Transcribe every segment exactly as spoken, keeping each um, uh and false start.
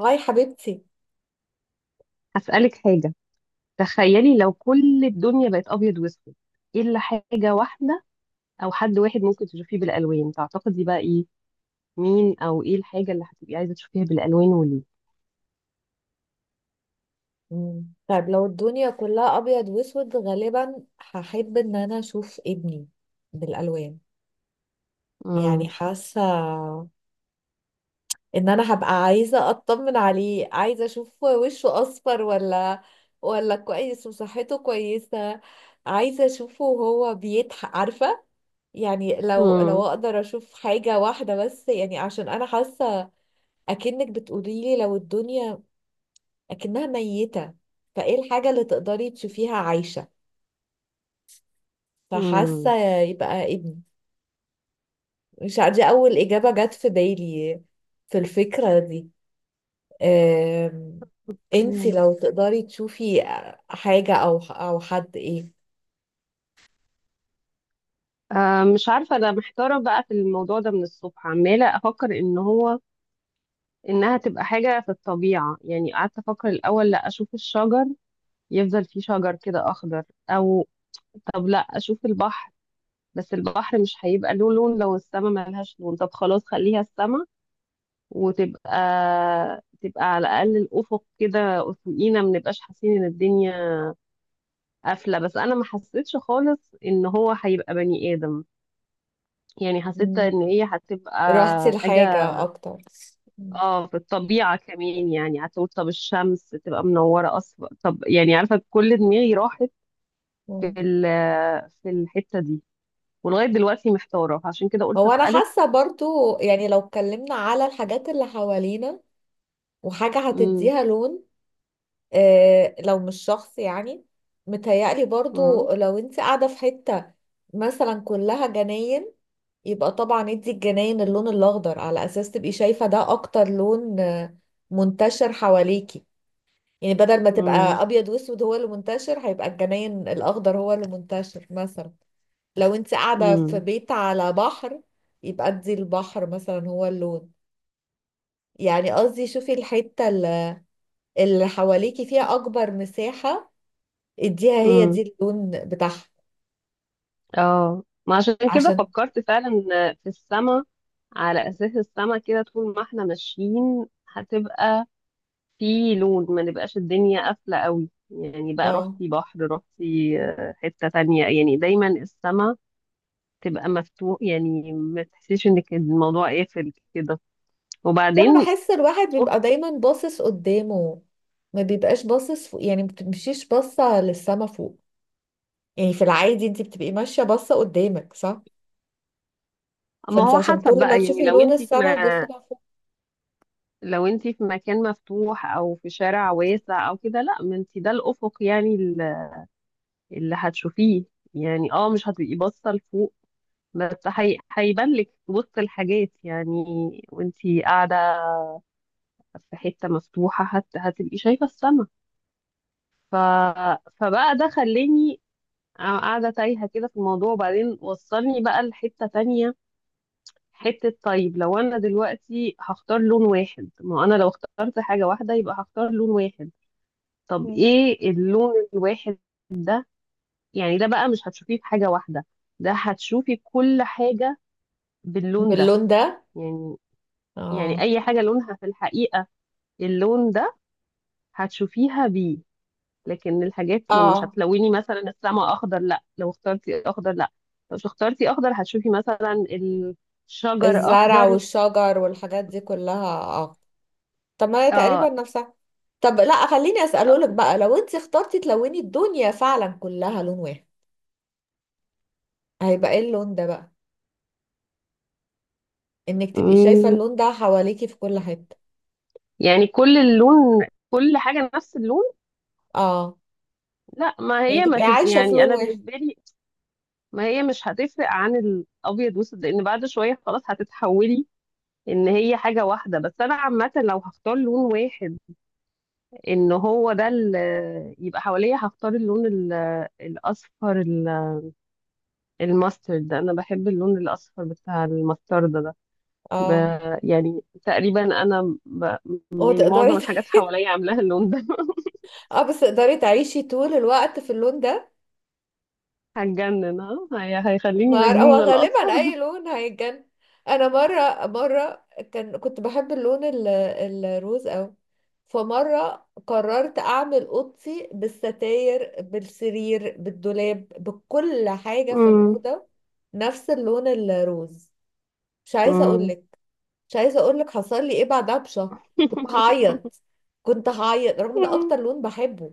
هاي حبيبتي. هسألك حاجة. تخيلي لو كل الدنيا بقت أبيض وأسود، إيه إلا حاجة واحدة أو حد واحد ممكن تشوفيه بالألوان؟ تعتقدي بقى إيه؟ مين أو إيه الحاجة اللي هتبقي عايزة تشوفيها بالألوان وليه؟ مم. طيب، لو الدنيا كلها ابيض واسود، غالبا هحب ان انا اشوف ابني بالالوان. يعني مم. حاسه ان انا هبقى عايزه اطمن عليه، عايزه اشوف وشه اصفر ولا ولا كويس وصحته كويسه. عايزه اشوفه وهو بيضحك، عارفه. يعني لو لو مم. اقدر اشوف حاجه واحده بس، يعني عشان انا حاسه اكنك بتقولي لي لو الدنيا اكنها ميته، فايه الحاجه اللي تقدري تشوفيها عايشه؟ مم. فحاسة يبقى ابني. مش عارفة، دي أول إجابة جت في بالي في الفكرة دي. أم... انتي مم. لو تقدري تشوفي حاجة أو أو حد، إيه؟ آه، مش عارفة، أنا محتارة بقى في الموضوع ده من الصبح، عمالة أفكر إن هو إنها تبقى حاجة في الطبيعة. يعني قعدت أفكر الأول لا أشوف الشجر، يفضل فيه شجر كده أخضر. أو طب لا أشوف البحر، بس البحر مش هيبقى له لون لو السما ملهاش لون. طب خلاص خليها السما، وتبقى تبقى على الأقل الأفق كده، أفقينا ما نبقاش حاسين إن الدنيا قافلة. بس أنا ما حسيتش خالص إن هو هيبقى بني آدم، يعني حسيت مم. إن هي هتبقى رحتي حاجة. لحاجة أكتر؟ مم. اه في الطبيعة كمان، يعني هتقول طب الشمس تبقى منورة أصلا، طب يعني عارفة كل دماغي راحت في مم. ال- في الحتة دي، ولغاية دلوقتي محتارة، عشان كده قلت هو أنا أسألك. حاسة برضو، يعني لو اتكلمنا على الحاجات اللي حوالينا وحاجة امم. هتديها لون، آه، لو مش شخص يعني. متهيألي برضو لو انت قاعدة في حتة مثلا كلها جناين، يبقى طبعا ادي الجناين اللون الأخضر على أساس تبقي شايفة ده أكتر لون آه، منتشر حواليكي. يعني بدل ما تبقى امم. أبيض وأسود هو اللي منتشر، هيبقى الجناين الأخضر هو اللي منتشر. مثلا لو انت قاعدة في امم. بيت على بحر، يبقى ادي البحر مثلا هو اللون. يعني قصدي شوفي الحتة اللي اللي حواليكي فيها أكبر مساحة، اديها هي دي امم. اللون بتاعها. اه، ما عشان كده عشان فكرت فعلا في السما، على اساس السما كده طول ما احنا ماشيين هتبقى في لون، ما نبقاش الدنيا قافله قوي. يعني بقى اه رحتي بحر رحتي آه، حته تانية، يعني دايما السما تبقى مفتوح، يعني ما تحسيش انك الموضوع قافل كده. فانا وبعدين بحس الواحد بيبقى دايما باصص قدامه، ما بيبقاش باصص فوق، يعني ما بتمشيش باصه للسما فوق. يعني في العادي انت بتبقي ماشيه باصه قدامك، صح؟ ما فانت هو عشان حسب كل ما بقى، يعني تشوفي لو لون انت في السما تبصي ما لها فوق. لو انت في مكان مفتوح او في شارع واسع او كده، لا ما انت ده الافق يعني اللي هتشوفيه. يعني اه مش هتبقي باصه لفوق، بس هي- هيبان لك وسط الحاجات يعني. وانتي قاعده في حته مفتوحه هت... هتبقي شايفه السما. ف... فبقى ده خلاني قاعده تايهه كده في الموضوع، وبعدين وصلني بقى لحته تانية. حته طيب، لو انا دلوقتي هختار لون واحد، ما انا لو اخترت حاجه واحده يبقى هختار لون واحد. طب مم. ايه اللون الواحد ده؟ يعني ده بقى مش هتشوفيه في حاجه واحده، ده هتشوفي كل حاجة باللون ده. باللون ده. يعني، يعني اه، اي حاجه لونها في الحقيقه اللون ده هتشوفيها بيه، لكن الحاجات يعني مش اه، هتلوني. مثلا السما اخضر، لا لو اخترتي اخضر، لا لو مش اخترتي اخضر هتشوفي مثلا الشجر الزرع اخضر. والشجر والحاجات دي كلها، اه. طب ما هي تقريبا اه. نفسها. طب، لا، خليني اساله لك آه. بقى: لو انت اخترتي تلوني الدنيا فعلا كلها لون واحد، هيبقى ايه اللون ده بقى، انك تبقي شايفة أمم، اللون ده حواليكي في كل حتة؟ يعني كل اللون كل حاجه نفس اللون. اه. لا، ما يعني هي ما تبقي تب... عايشة في يعني لون انا واحد؟ بالنسبه لي، ما هي مش هتفرق عن الابيض والاسود، لان بعد شويه خلاص هتتحولي ان هي حاجه واحده. بس انا عامه لو هختار لون واحد ان هو ده اللي يبقى حواليا، هختار اللون ال- الاصفر، ال- الماسترد. انا بحب اللون الاصفر بتاع الماسترد ده. ب... اه. يعني تقريبا انا ب... يعني وتقدري معظم ت- الحاجات حواليا عاملاها اللون ده. اه، بس تقدري تعيشي طول الوقت في اللون ده؟ هتجنن، ها هي... هيخليني ما هو مجنونة غالبا الاصفر اي ده. لون هيتجن. انا مرة مرة كان كنت بحب اللون ال- الروز اوي. فمرة قررت اعمل اوضتي بالستاير، بالسرير، بالدولاب، بكل حاجة في مم. الأوضة نفس اللون الروز. مش عايزة مم. اقولك مش عايزه اقول لك حصل لي ايه بعدها بشهر. كنت هعيط كنت هعيط رغم ان اكتر لون بحبه.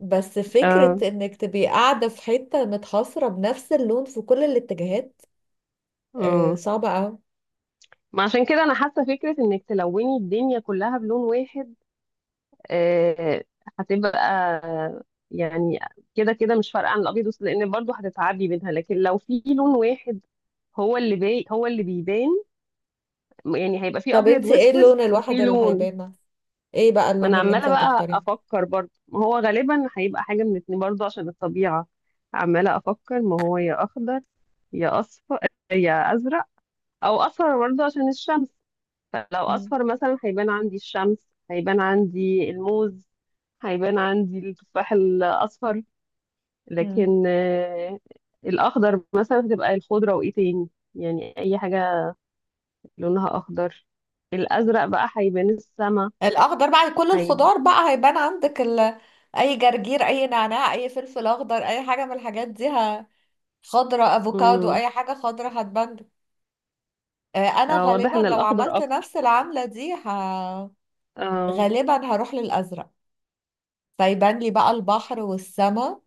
بس فكره اه. انك تبقي قاعده في حته متحصره بنفس اللون في كل الاتجاهات، آه مم. صعبه قوي. ما عشان كده انا حاسه فكره انك تلوني الدنيا كلها بلون واحد آه، هتبقى يعني كده كده مش فارقه عن الابيض والاسود، لان برضو هتتعبي منها. لكن لو في لون واحد هو اللي باي هو اللي بيبان، يعني هيبقى في طب، ابيض انت ايه واسود اللون وفي الواحد اللي لون. هيبان؟ ايه بقى ما اللون انا اللي انت عماله بقى هتختاريه؟ افكر برضو، ما هو غالبا هيبقى حاجه من اتنين برضو عشان الطبيعه. عماله افكر ما هو يا اخضر، يا اصفر، يا ازرق. او اصفر برضو عشان الشمس، فلو مم. اصفر مثلا هيبان عندي الشمس، هيبان عندي الموز، هيبان عندي التفاح الاصفر. مم. لكن آه، الاخضر مثلا هتبقى الخضره وايه تاني، يعني اي حاجه لونها اخضر. الازرق بقى هيبان السما. الاخضر بقى كل هيب... الخضار بقى هيبان عندك ال... اي جرجير، اي نعناع، اي فلفل اخضر، اي حاجه من الحاجات دي ه... خضره، افوكادو، مم. اي حاجه خضره هتبان. آه، انا آه، غالبا واضح ان لو الاخضر عملت اكتر. نفس العملة دي ه... اه. غالبا هروح للازرق. فيبان لي بقى البحر والسماء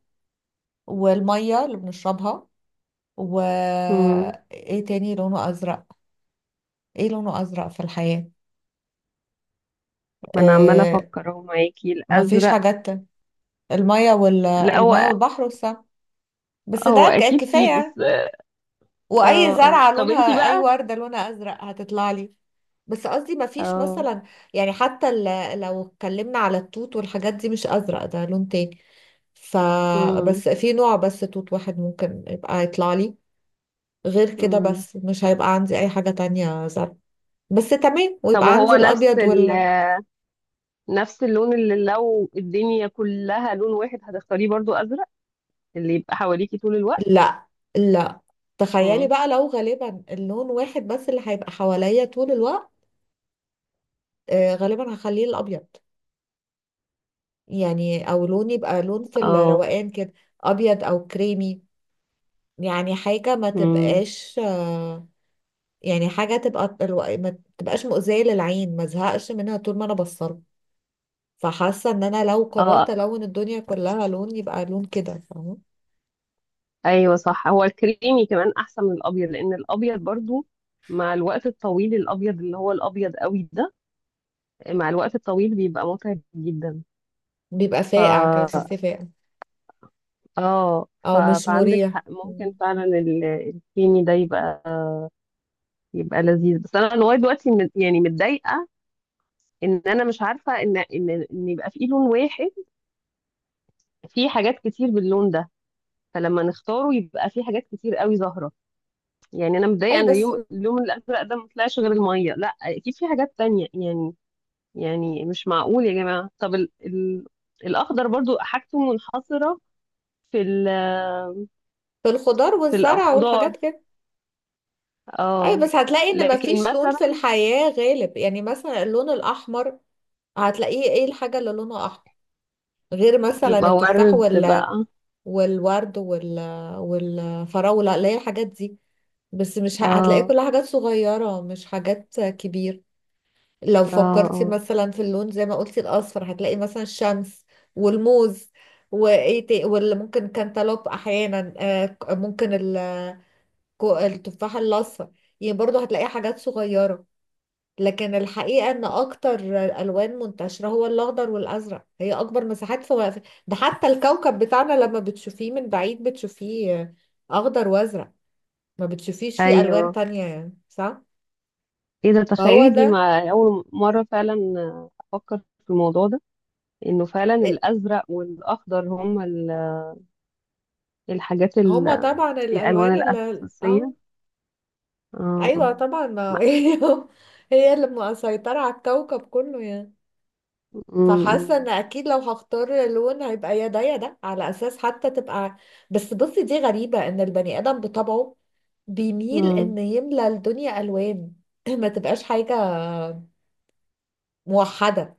والمية اللي بنشربها، و مم. ايه تاني لونه ازرق؟ ايه لونه ازرق في الحياة؟ ما انا عماله آه، افكر اهو معاكي مفيش الازرق. حاجات تانية. المية وال... لا، المية هو والبحر والسماء، بس هو ده ك- اكيد فيه بس. كفاية. واي اه، اه زرعه طب انتي لونها، اي بقى. ورده لونها ازرق هتطلع لي. بس قصدي ما فيش اه. مثلا، يعني حتى ال- لو اتكلمنا على التوت والحاجات دي مش ازرق، ده لون تاني. ف مم. بس في نوع، بس توت واحد ممكن يبقى يطلع لي غير كده، مم. بس مش هيبقى عندي اي حاجه تانية زرق. بس تمام، طب ويبقى وهو عندي نفس الابيض ال وال نفس اللون اللي لو الدنيا كلها لون واحد هتختاريه برضو أزرق اللي يبقى حواليكي طول الوقت؟ لا، لا، تخيلي مم. بقى لو غالبا اللون واحد بس اللي هيبقى حواليا طول الوقت، آه، غالبا هخليه الابيض. يعني او لون يبقى لون في اه. الروقان كده، ابيض او كريمي. يعني حاجه ما مم. تبقاش، آه، يعني حاجه تبقى الو- ما تبقاش مؤذيه للعين ما زهقش منها طول ما انا بصلها. فحاسه ان انا لو قررت اه، الون الدنيا كلها لون، يبقى لون كده، فاهمه؟ ايوه صح، هو الكريمي كمان احسن من الابيض، لان الابيض برضو مع الوقت الطويل، الابيض اللي هو الابيض قوي ده مع الوقت الطويل بيبقى متعب جدا. بيبقى فاقع كده، ف تحسيه فاقع. اه، ف... او مش فعندك مريح. حق، ممكن مم. فعلا ال- الكريمي ده يبقى يبقى لذيذ. بس انا لغايه دلوقتي مت- يعني متضايقه ان انا مش عارفه ان ان ان يبقى في لون واحد في حاجات كتير باللون ده، فلما نختاره يبقى في حاجات كتير قوي ظاهره. يعني انا متضايقه اي، ان بس يوم اليوم اللون الازرق ده ما طلعش غير الميه، لا اكيد في حاجات تانية يعني. يعني مش معقول يا جماعه. طب ال ال الاخضر برضو حاجته منحصره في ال في الخضار في والزرع الخضار، والحاجات كده. اي، اه، بس هتلاقي ان لكن مفيش لون في مثلا الحياه غالب، يعني مثلا اللون الاحمر، هتلاقيه ايه الحاجه اللي لونها احمر غير مثلا يبقى التفاح ورد وال... بقى. والورد وال... والفراولة، اللي هي الحاجات دي. بس مش ه- هتلاقي اه، كلها حاجات صغيرة مش حاجات كبيرة. لو اه، فكرتي اه، مثلا في اللون زي ما قلتي الأصفر، هتلاقي مثلا الشمس والموز وايه تا- واللي ممكن كانتالوب احيانا، آه، ك- ممكن ال- كو- التفاح الاصفر. يعني برضو هتلاقي حاجات صغيرة. لكن الحقيقة ان اكتر الوان منتشرة هو الاخضر والازرق، هي اكبر مساحات في وقف. ده حتى الكوكب بتاعنا لما بتشوفيه من بعيد بتشوفيه اخضر وازرق، ما بتشوفيش فيه الوان ايوه تانية، يعني صح؟ ايه ده، فهو تخيلي دي ده، مع اول مره فعلا افكر في الموضوع ده، انه فعلا إيه، الازرق والاخضر هم ال- الحاجات ال- هما طبعا الالوان الالوان اللي اه الاساسيه. اه، اه. ايوه طبعا، ما ما- هي هي اللي مسيطرة على الكوكب كله يعني. فحاسه أمم. ان اكيد لو هختار لون هيبقى يا ده يا ده، على اساس حتى تبقى. بس بصي، دي غريبه، ان البني ادم بطبعه بيميل أمم. ان يملى الدنيا الوان ما تبقاش حاجه موحده.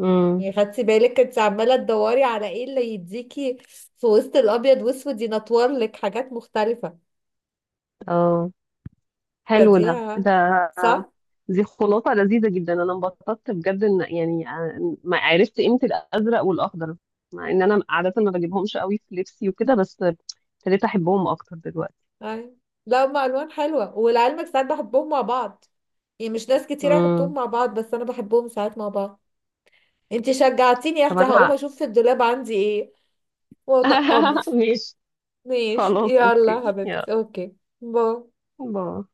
أمم. يعني خدتي بالك انت عماله تدوري على ايه اللي يديكي في وسط الابيض واسود، ينطور لك حاجات مختلفه. اه، حلو فدي ده. ده صح. دي خلاصه لذيذه جدا، انا انبسطت بجد ان يعني آه، ما عرفت قيمه الازرق والاخضر، مع ان انا عاده ما بجيبهمش قوي في لبسي وكده، بس ابتديت احبهم اكتر دلوقتي. أي. لا، هما الوان حلوه، ولعلمك ساعات بحبهم مع بعض. يعني مش ناس كتير هيحطوهم امم. مع بعض، بس انا بحبهم ساعات مع بعض. انت شجعتيني يا طب اختي، هقوم انا. اشوف في الدولاب عندي ايه واطقمه. ماشي. ماشي، خلاص يلا يا اوكي يلا. حبيبتي، اوكي، باي. باي.